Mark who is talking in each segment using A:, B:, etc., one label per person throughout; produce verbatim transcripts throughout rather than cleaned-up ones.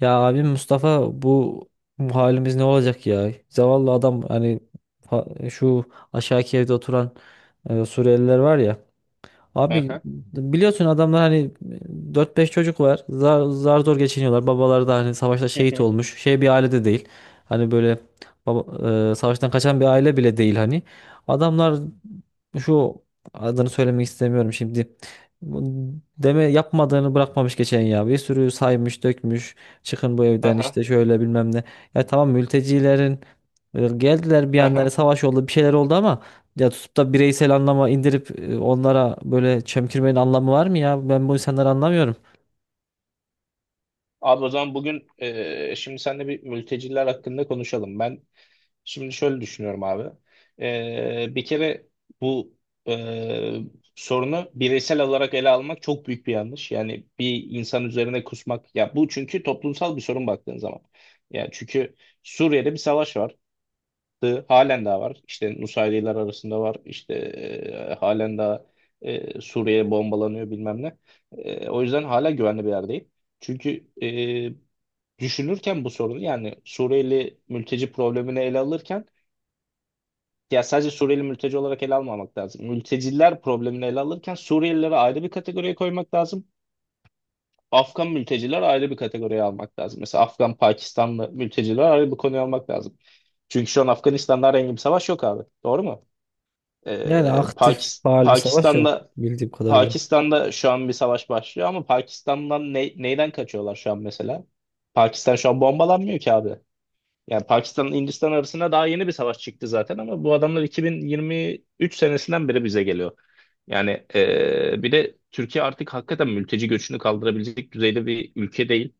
A: Ya abim Mustafa bu, bu halimiz ne olacak ya? Zavallı adam hani fa- şu aşağıki evde oturan e, Suriyeliler var ya.
B: Hı
A: Abi,
B: hı.
A: biliyorsun adamlar hani e, dört beş çocuk var. Zar, zar zor geçiniyorlar. Babaları da hani savaşta
B: Hı
A: şehit
B: hı.
A: olmuş. Şey, bir ailede değil. Hani böyle baba, e, savaştan kaçan bir aile bile değil hani. Adamlar şu adını söylemek istemiyorum şimdi. Bu Deme yapmadığını bırakmamış geçen ya. Bir sürü saymış, dökmüş. Çıkın bu
B: Hı
A: evden
B: hı.
A: işte, şöyle bilmem ne. Ya tamam, mültecilerin e, geldiler, bir
B: Hı
A: yandan hani
B: hı.
A: savaş oldu, bir şeyler oldu, ama ya tutup da bireysel anlama indirip e, onlara böyle çemkirmenin anlamı var mı ya? Ben bu insanları anlamıyorum.
B: Abi o zaman bugün e, şimdi seninle bir mülteciler hakkında konuşalım. Ben şimdi şöyle düşünüyorum abi. E, bir kere bu e, sorunu bireysel olarak ele almak çok büyük bir yanlış. Yani bir insan üzerine kusmak. Ya bu çünkü toplumsal bir sorun, baktığın zaman. Yani çünkü Suriye'de bir savaş var. Yaptı. Halen daha var. İşte Nusayriler arasında var. İşte e, halen daha e, Suriye bombalanıyor, bilmem ne. E, o yüzden hala güvenli bir yerdeyim. Çünkü e, düşünürken bu sorunu, yani Suriyeli mülteci problemini ele alırken, ya sadece Suriyeli mülteci olarak ele almamak lazım. Mülteciler problemini ele alırken Suriyelilere ayrı bir kategoriye koymak lazım. Afgan mülteciler ayrı bir kategoriye almak lazım. Mesela Afgan, Pakistanlı mülteciler ayrı bir konuya almak lazım. Çünkü şu an Afganistan'da herhangi bir savaş yok abi. Doğru mu? Ee,
A: Yani aktif
B: Pakis-
A: faal bir savaş yok
B: Pakistan'da
A: bildiğim kadarıyla.
B: Pakistan'da şu an bir savaş başlıyor ama Pakistan'dan ne- neyden kaçıyorlar şu an mesela? Pakistan şu an bombalanmıyor ki abi. Yani Pakistan Hindistan arasında daha yeni bir savaş çıktı zaten ama bu adamlar iki bin yirmi üç senesinden beri bize geliyor. Yani ee, bir de Türkiye artık hakikaten mülteci göçünü kaldırabilecek düzeyde bir ülke değil.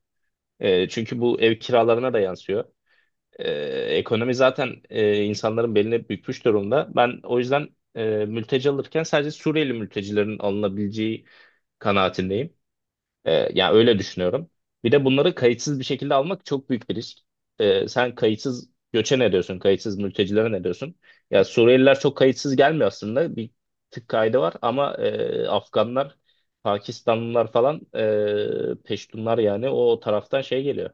B: Ee, çünkü bu ev kiralarına da yansıyor. Ee, Ekonomi zaten e, insanların beline bükmüş durumda. Ben o yüzden e, mülteci alırken sadece Suriyeli mültecilerin alınabileceği kanaatindeyim. Ee, yani öyle düşünüyorum. Bir de bunları kayıtsız bir şekilde almak çok büyük bir risk. Ee, sen kayıtsız göçe ne diyorsun? Kayıtsız mültecilere ne diyorsun? Ya Suriyeliler çok kayıtsız gelmiyor aslında. Bir tık kaydı var ama e, Afganlar, Pakistanlılar falan, e, Peştunlar, yani o taraftan şey geliyor.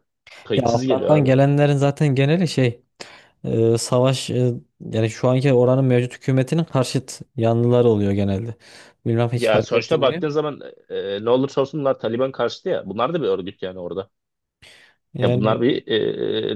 A: Ya
B: Kayıtsız geliyor
A: Afgan'dan
B: abi.
A: gelenlerin zaten geneli şey, e, savaş, e, yani şu anki oranın mevcut hükümetinin karşıt yanlıları oluyor genelde. Bilmem, hiç
B: Ya
A: fark
B: sonuçta
A: ettin mi?
B: baktığın zaman e, ne olursa olsun bunlar Taliban karşıtı ya. Bunlar da bir örgüt yani orada. Ya bunlar
A: Yani,
B: bir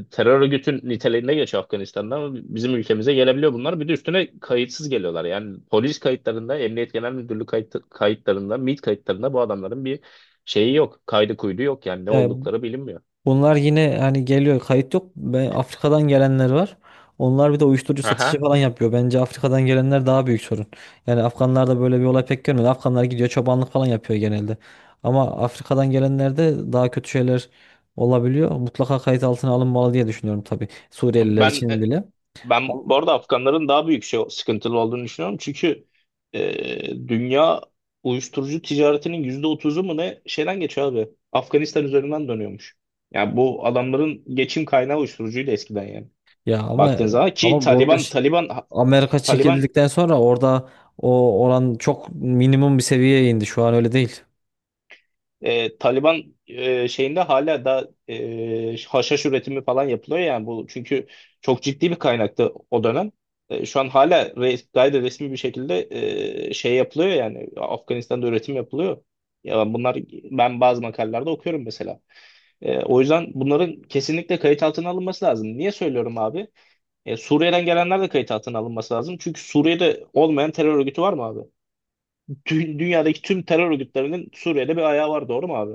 B: e, terör örgütün niteliğinde geçiyor Afganistan'da ama bizim ülkemize gelebiliyor bunlar. Bir de üstüne kayıtsız geliyorlar. Yani polis kayıtlarında, Emniyet Genel Müdürlüğü kayıt, kayıtlarında, MİT kayıtlarında bu adamların bir şeyi yok. Kaydı kuydu yok, yani ne
A: yani
B: oldukları bilinmiyor.
A: bunlar yine hani geliyor, kayıt yok. Ben, Afrika'dan gelenler var. Onlar bir de uyuşturucu satışı
B: Aha.
A: falan yapıyor. Bence Afrika'dan gelenler daha büyük sorun. Yani Afganlarda böyle bir olay pek görmedim. Afganlar gidiyor, çobanlık falan yapıyor genelde. Ama Afrika'dan gelenlerde daha kötü şeyler olabiliyor. Mutlaka kayıt altına alınmalı diye düşünüyorum tabii. Suriyeliler
B: Ben
A: için
B: e,
A: bile.
B: Ben
A: Ama-
B: bu arada Afganların daha büyük şey, sıkıntılı olduğunu düşünüyorum. Çünkü e, dünya uyuşturucu ticaretinin yüzde otuzu mu ne şeyden geçiyor abi. Afganistan üzerinden dönüyormuş. Yani bu adamların geçim kaynağı uyuşturucuydu eskiden yani.
A: Ya ama,
B: Baktığın zaman ki
A: ama bu arada
B: Taliban
A: şi-
B: Taliban
A: Amerika
B: Taliban
A: çekildikten sonra orada o oran çok minimum bir seviyeye indi. Şu an öyle değil.
B: E, Taliban e, şeyinde hala da e, haşhaş üretimi falan yapılıyor, yani bu çünkü çok ciddi bir kaynaktı o dönem. E, şu an hala re- gayet de resmi bir şekilde e, şey yapılıyor, yani Afganistan'da üretim yapılıyor. Ya bunlar, ben bazı makalelerde okuyorum mesela. E, o yüzden bunların kesinlikle kayıt altına alınması lazım. Niye söylüyorum abi? E, Suriye'den gelenler de kayıt altına alınması lazım. Çünkü Suriye'de olmayan terör örgütü var mı abi? Dü- dünyadaki tüm terör örgütlerinin Suriye'de bir ayağı var, doğru mu abi?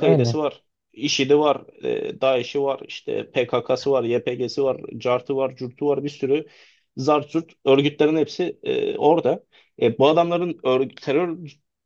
A: Yani.
B: var, IŞİD'i var, e, DAEŞ'i var, işte P K K'sı var, Y P G'si var, C A R T'ı var, C U R T'u var, bir sürü zart zurt örgütlerin hepsi e, orada. E, bu adamların örg- terör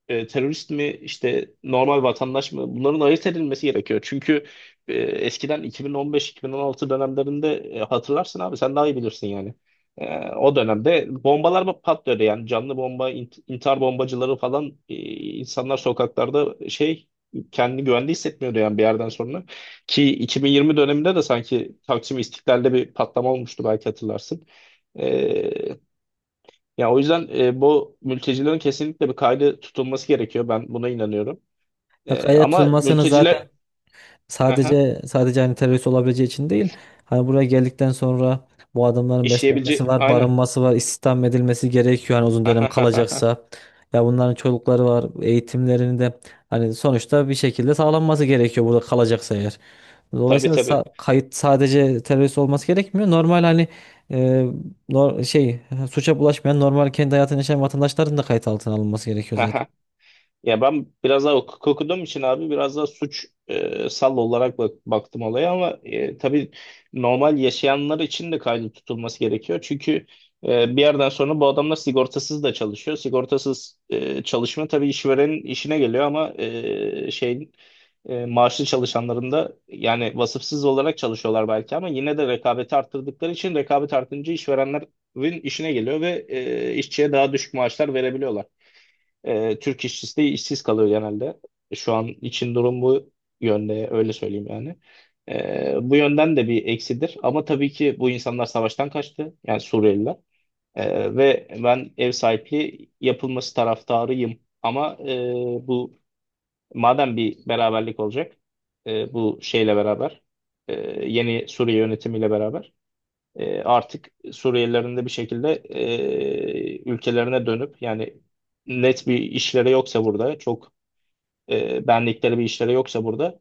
B: e, terörist mi, işte normal vatandaş mı, bunların ayırt edilmesi gerekiyor. Çünkü e, eskiden iki bin on beş-iki bin on altı dönemlerinde, e, hatırlarsın abi, sen daha iyi bilirsin yani. E, o dönemde bombalar mı patlıyordu, yani canlı bomba, int- intihar bombacıları falan, e, insanlar sokaklarda şey, kendini güvende hissetmiyordu yani bir yerden sonra. Ki iki bin yirmi döneminde de sanki Taksim İstiklal'de bir patlama olmuştu, belki hatırlarsın. Ee, Yani o yüzden e, bu mültecilerin kesinlikle bir kaydı tutulması gerekiyor. Ben buna inanıyorum.
A: Ya,
B: Ee,
A: kayda
B: ama
A: tutulmasını zaten.
B: mülteciler. Aha,
A: Sadece sadece hani terörist olabileceği için değil. Hani buraya geldikten sonra bu adamların beslenmesi
B: işleyebileceği
A: var,
B: aynen.
A: barınması var, istihdam edilmesi gerekiyor hani uzun dönem
B: Aha,
A: kalacaksa. Ya bunların çocukları var, eğitimlerini de hani sonuçta bir şekilde sağlanması gerekiyor burada kalacaksa eğer.
B: tabii
A: Dolayısıyla sa-
B: tabii.
A: kayıt sadece terörist olması gerekmiyor. Normal hani, e, nor- şey suça bulaşmayan normal kendi hayatını yaşayan vatandaşların da kayıt altına alınması gerekiyor.
B: Ya ben biraz daha hukuk okuduğum için abi, biraz daha suç e, sal olarak bak- baktım olaya ama e, tabii normal yaşayanlar için de kaydı tutulması gerekiyor. Çünkü e, bir yerden sonra bu adamlar sigortasız da çalışıyor. Sigortasız e, çalışma tabii işverenin işine geliyor ama e, şeyin e, maaşlı çalışanların da, yani vasıfsız olarak çalışıyorlar belki ama yine de rekabeti arttırdıkları için, rekabet artınca işverenlerin işine geliyor ve e, işçiye daha düşük maaşlar verebiliyorlar. E, Türk işçisi de işsiz kalıyor genelde. E, Şu an için durum bu yönde, öyle söyleyeyim yani. E, bu yönden de bir eksidir. Ama tabii ki bu insanlar savaştan kaçtı. Yani Suriyeliler. E, ve ben ev sahipliği yapılması taraftarıyım. Ama e, bu, madem bir beraberlik olacak, e, bu şeyle beraber, e, yeni Suriye yönetimiyle beraber, e, artık Suriyelilerin de bir şekilde e, ülkelerine dönüp, yani net bir işleri yoksa burada, çok e, benlikleri bir işleri yoksa burada,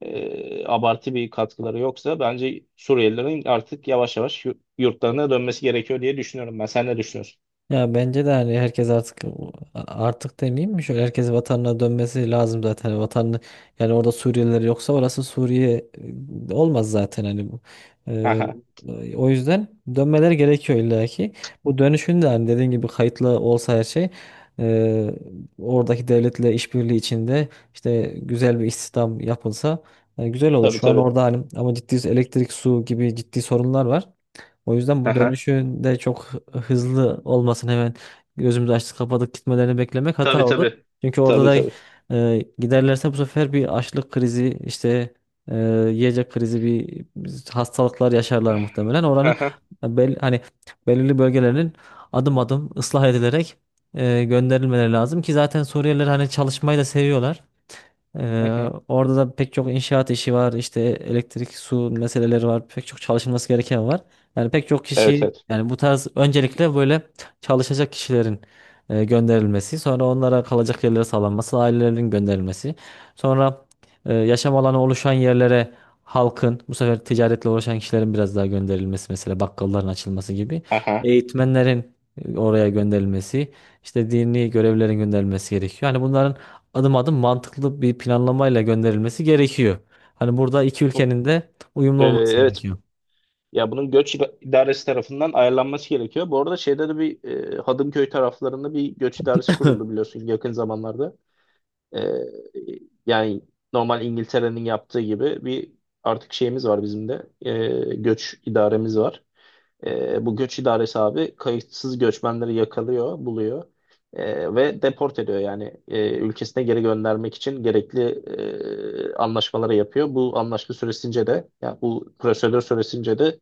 B: e, abartı bir katkıları yoksa, bence Suriyelilerin artık yavaş yavaş yu- yurtlarına dönmesi gerekiyor diye düşünüyorum ben. Sen ne düşünüyorsun?
A: Ya bence de hani herkes artık, artık demeyeyim mi? Şöyle, herkes vatanına dönmesi lazım zaten. Vatanını, yani orada Suriyeliler yoksa orası Suriye e, olmaz zaten hani bu. Ee,
B: Aha,
A: O yüzden dönmeleri gerekiyor illa ki. Bu dönüşün de hani dediğin gibi kayıtlı olsa, her şey e, oradaki devletle işbirliği içinde, işte güzel bir istihdam yapılsa e, güzel olur.
B: tabii
A: Şu an
B: tabii.
A: orada hani ama ciddi elektrik, su gibi ciddi sorunlar var. O yüzden bu
B: Aha.
A: dönüşün de çok hızlı olmasın, hemen gözümüzü açtık kapadık gitmelerini beklemek hata
B: Tabii
A: olur.
B: tabii.
A: Çünkü orada
B: Tabii
A: da
B: tabii.
A: e, giderlerse bu sefer bir açlık krizi, işte e, yiyecek krizi, bir hastalıklar yaşarlar muhtemelen. Oranın
B: Aha.
A: bel, hani belirli bölgelerinin adım adım ıslah edilerek e, gönderilmeleri lazım ki zaten Suriyeliler hani çalışmayı da seviyorlar.
B: Hı
A: Ee,
B: hı.
A: orada da pek çok inşaat işi var, işte elektrik, su meseleleri var, pek çok çalışılması gereken var. Yani pek çok
B: Evet
A: kişi,
B: evet.
A: yani bu tarz öncelikle böyle çalışacak kişilerin e, gönderilmesi, sonra onlara kalacak yerlere sağlanması, ailelerin gönderilmesi, sonra e, yaşam alanı oluşan yerlere halkın, bu sefer ticaretle uğraşan kişilerin biraz daha gönderilmesi, mesela bakkalların açılması gibi,
B: Aha.
A: eğitmenlerin e, oraya gönderilmesi, işte dini görevlilerin gönderilmesi gerekiyor. Yani bunların adım adım mantıklı bir planlamayla gönderilmesi gerekiyor. Hani burada iki ülkenin de uyumlu
B: Ee,
A: olması
B: evet.
A: gerekiyor.
B: Ya bunun göç ida- idaresi tarafından ayarlanması gerekiyor. Bu arada şeyde de bir, e, Hadımköy taraflarında bir göç idaresi kuruldu, biliyorsun, yakın zamanlarda. E, Yani normal İngiltere'nin yaptığı gibi bir, artık şeyimiz var bizim de, e, göç idaremiz var. E, bu göç idaresi abi kayıtsız göçmenleri yakalıyor, buluyor, e, ve deport ediyor. Yani e, ülkesine geri göndermek için gerekli e, anlaşmaları yapıyor. Bu anlaşma süresince de, yani bu prosedür süresince de,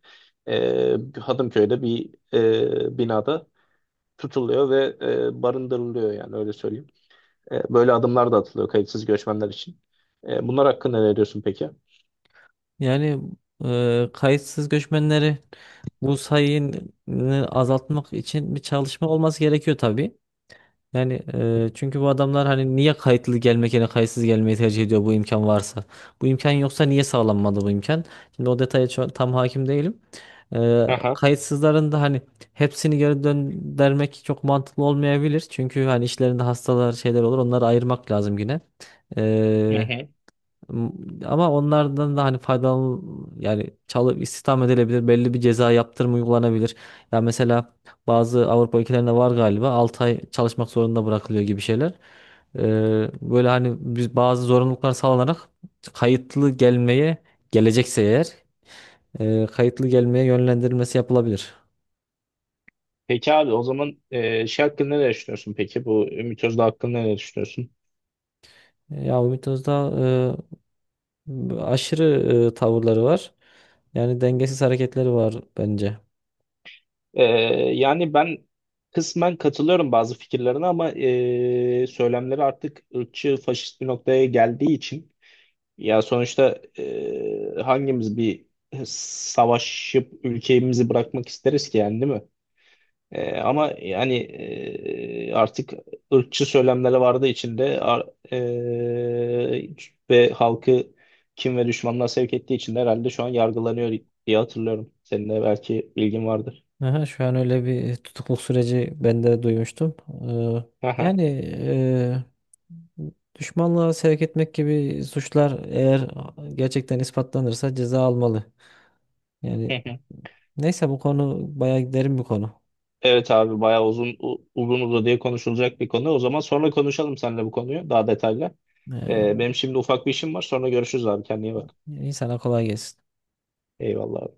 B: e, Hadımköy'de bir e, binada tutuluyor ve e, barındırılıyor, yani öyle söyleyeyim. E, böyle adımlar da atılıyor kayıtsız göçmenler için. E, bunlar hakkında ne diyorsun peki?
A: Yani e, kayıtsız göçmenleri, bu sayını azaltmak için bir çalışma olması gerekiyor tabii. Yani e, çünkü bu adamlar hani niye kayıtlı gelmek yerine kayıtsız gelmeyi tercih ediyor, bu imkan varsa? Bu imkan yoksa niye sağlanmadı bu imkan? Şimdi o detaya ço- tam hakim değilim. E,
B: Aha.
A: Kayıtsızların da hani hepsini geri döndürmek çok mantıklı olmayabilir. Çünkü hani işlerinde hastalar, şeyler olur, onları ayırmak lazım yine.
B: Hı hı.
A: M- Ama onlardan da hani faydalan, yani çalıp istihdam edilebilir. Belli bir ceza yaptırım uygulanabilir. Ya mesela bazı Avrupa ülkelerinde var galiba, 6 ay çalışmak zorunda bırakılıyor gibi şeyler. Ee, böyle hani biz bazı zorunluluklar sağlanarak kayıtlı gelmeye, gelecekse eğer e, kayıtlı gelmeye yönlendirilmesi yapılabilir.
B: Peki abi, o zaman e, şey hakkında ne düşünüyorsun peki? Bu Ümit Özdağ hakkında ne düşünüyorsun?
A: Ya, Ümit Özdağ e, aşırı e, tavırları var. Yani dengesiz hareketleri var bence.
B: E, Yani ben kısmen katılıyorum bazı fikirlerine ama e, söylemleri artık ırkçı, faşist bir noktaya geldiği için, ya sonuçta e, hangimiz bir savaşıp ülkemizi bırakmak isteriz ki, yani değil mi? E, ama yani e, artık ırkçı söylemleri vardı içinde, ar- e, ve halkı, kim ve düşmanlığa sevk ettiği için de, herhalde şu an yargılanıyor diye hatırlıyorum. Senin de belki bilgin vardır.
A: Aha, şu an öyle bir tutukluk süreci ben de duymuştum. Ee,
B: Aha.
A: Yani e, düşmanlığa sevk etmek gibi suçlar eğer gerçekten ispatlanırsa ceza almalı. Yani
B: Hı hı.
A: neyse, bu konu bayağı derin bir konu.
B: Evet abi, bayağı uzun, u- uzun uzadıya konuşulacak bir konu. O zaman sonra konuşalım seninle bu konuyu daha detaylı. E,
A: Ee,
B: benim şimdi ufak bir işim var. Sonra görüşürüz abi. Kendine iyi bak.
A: insana kolay gelsin.
B: Eyvallah.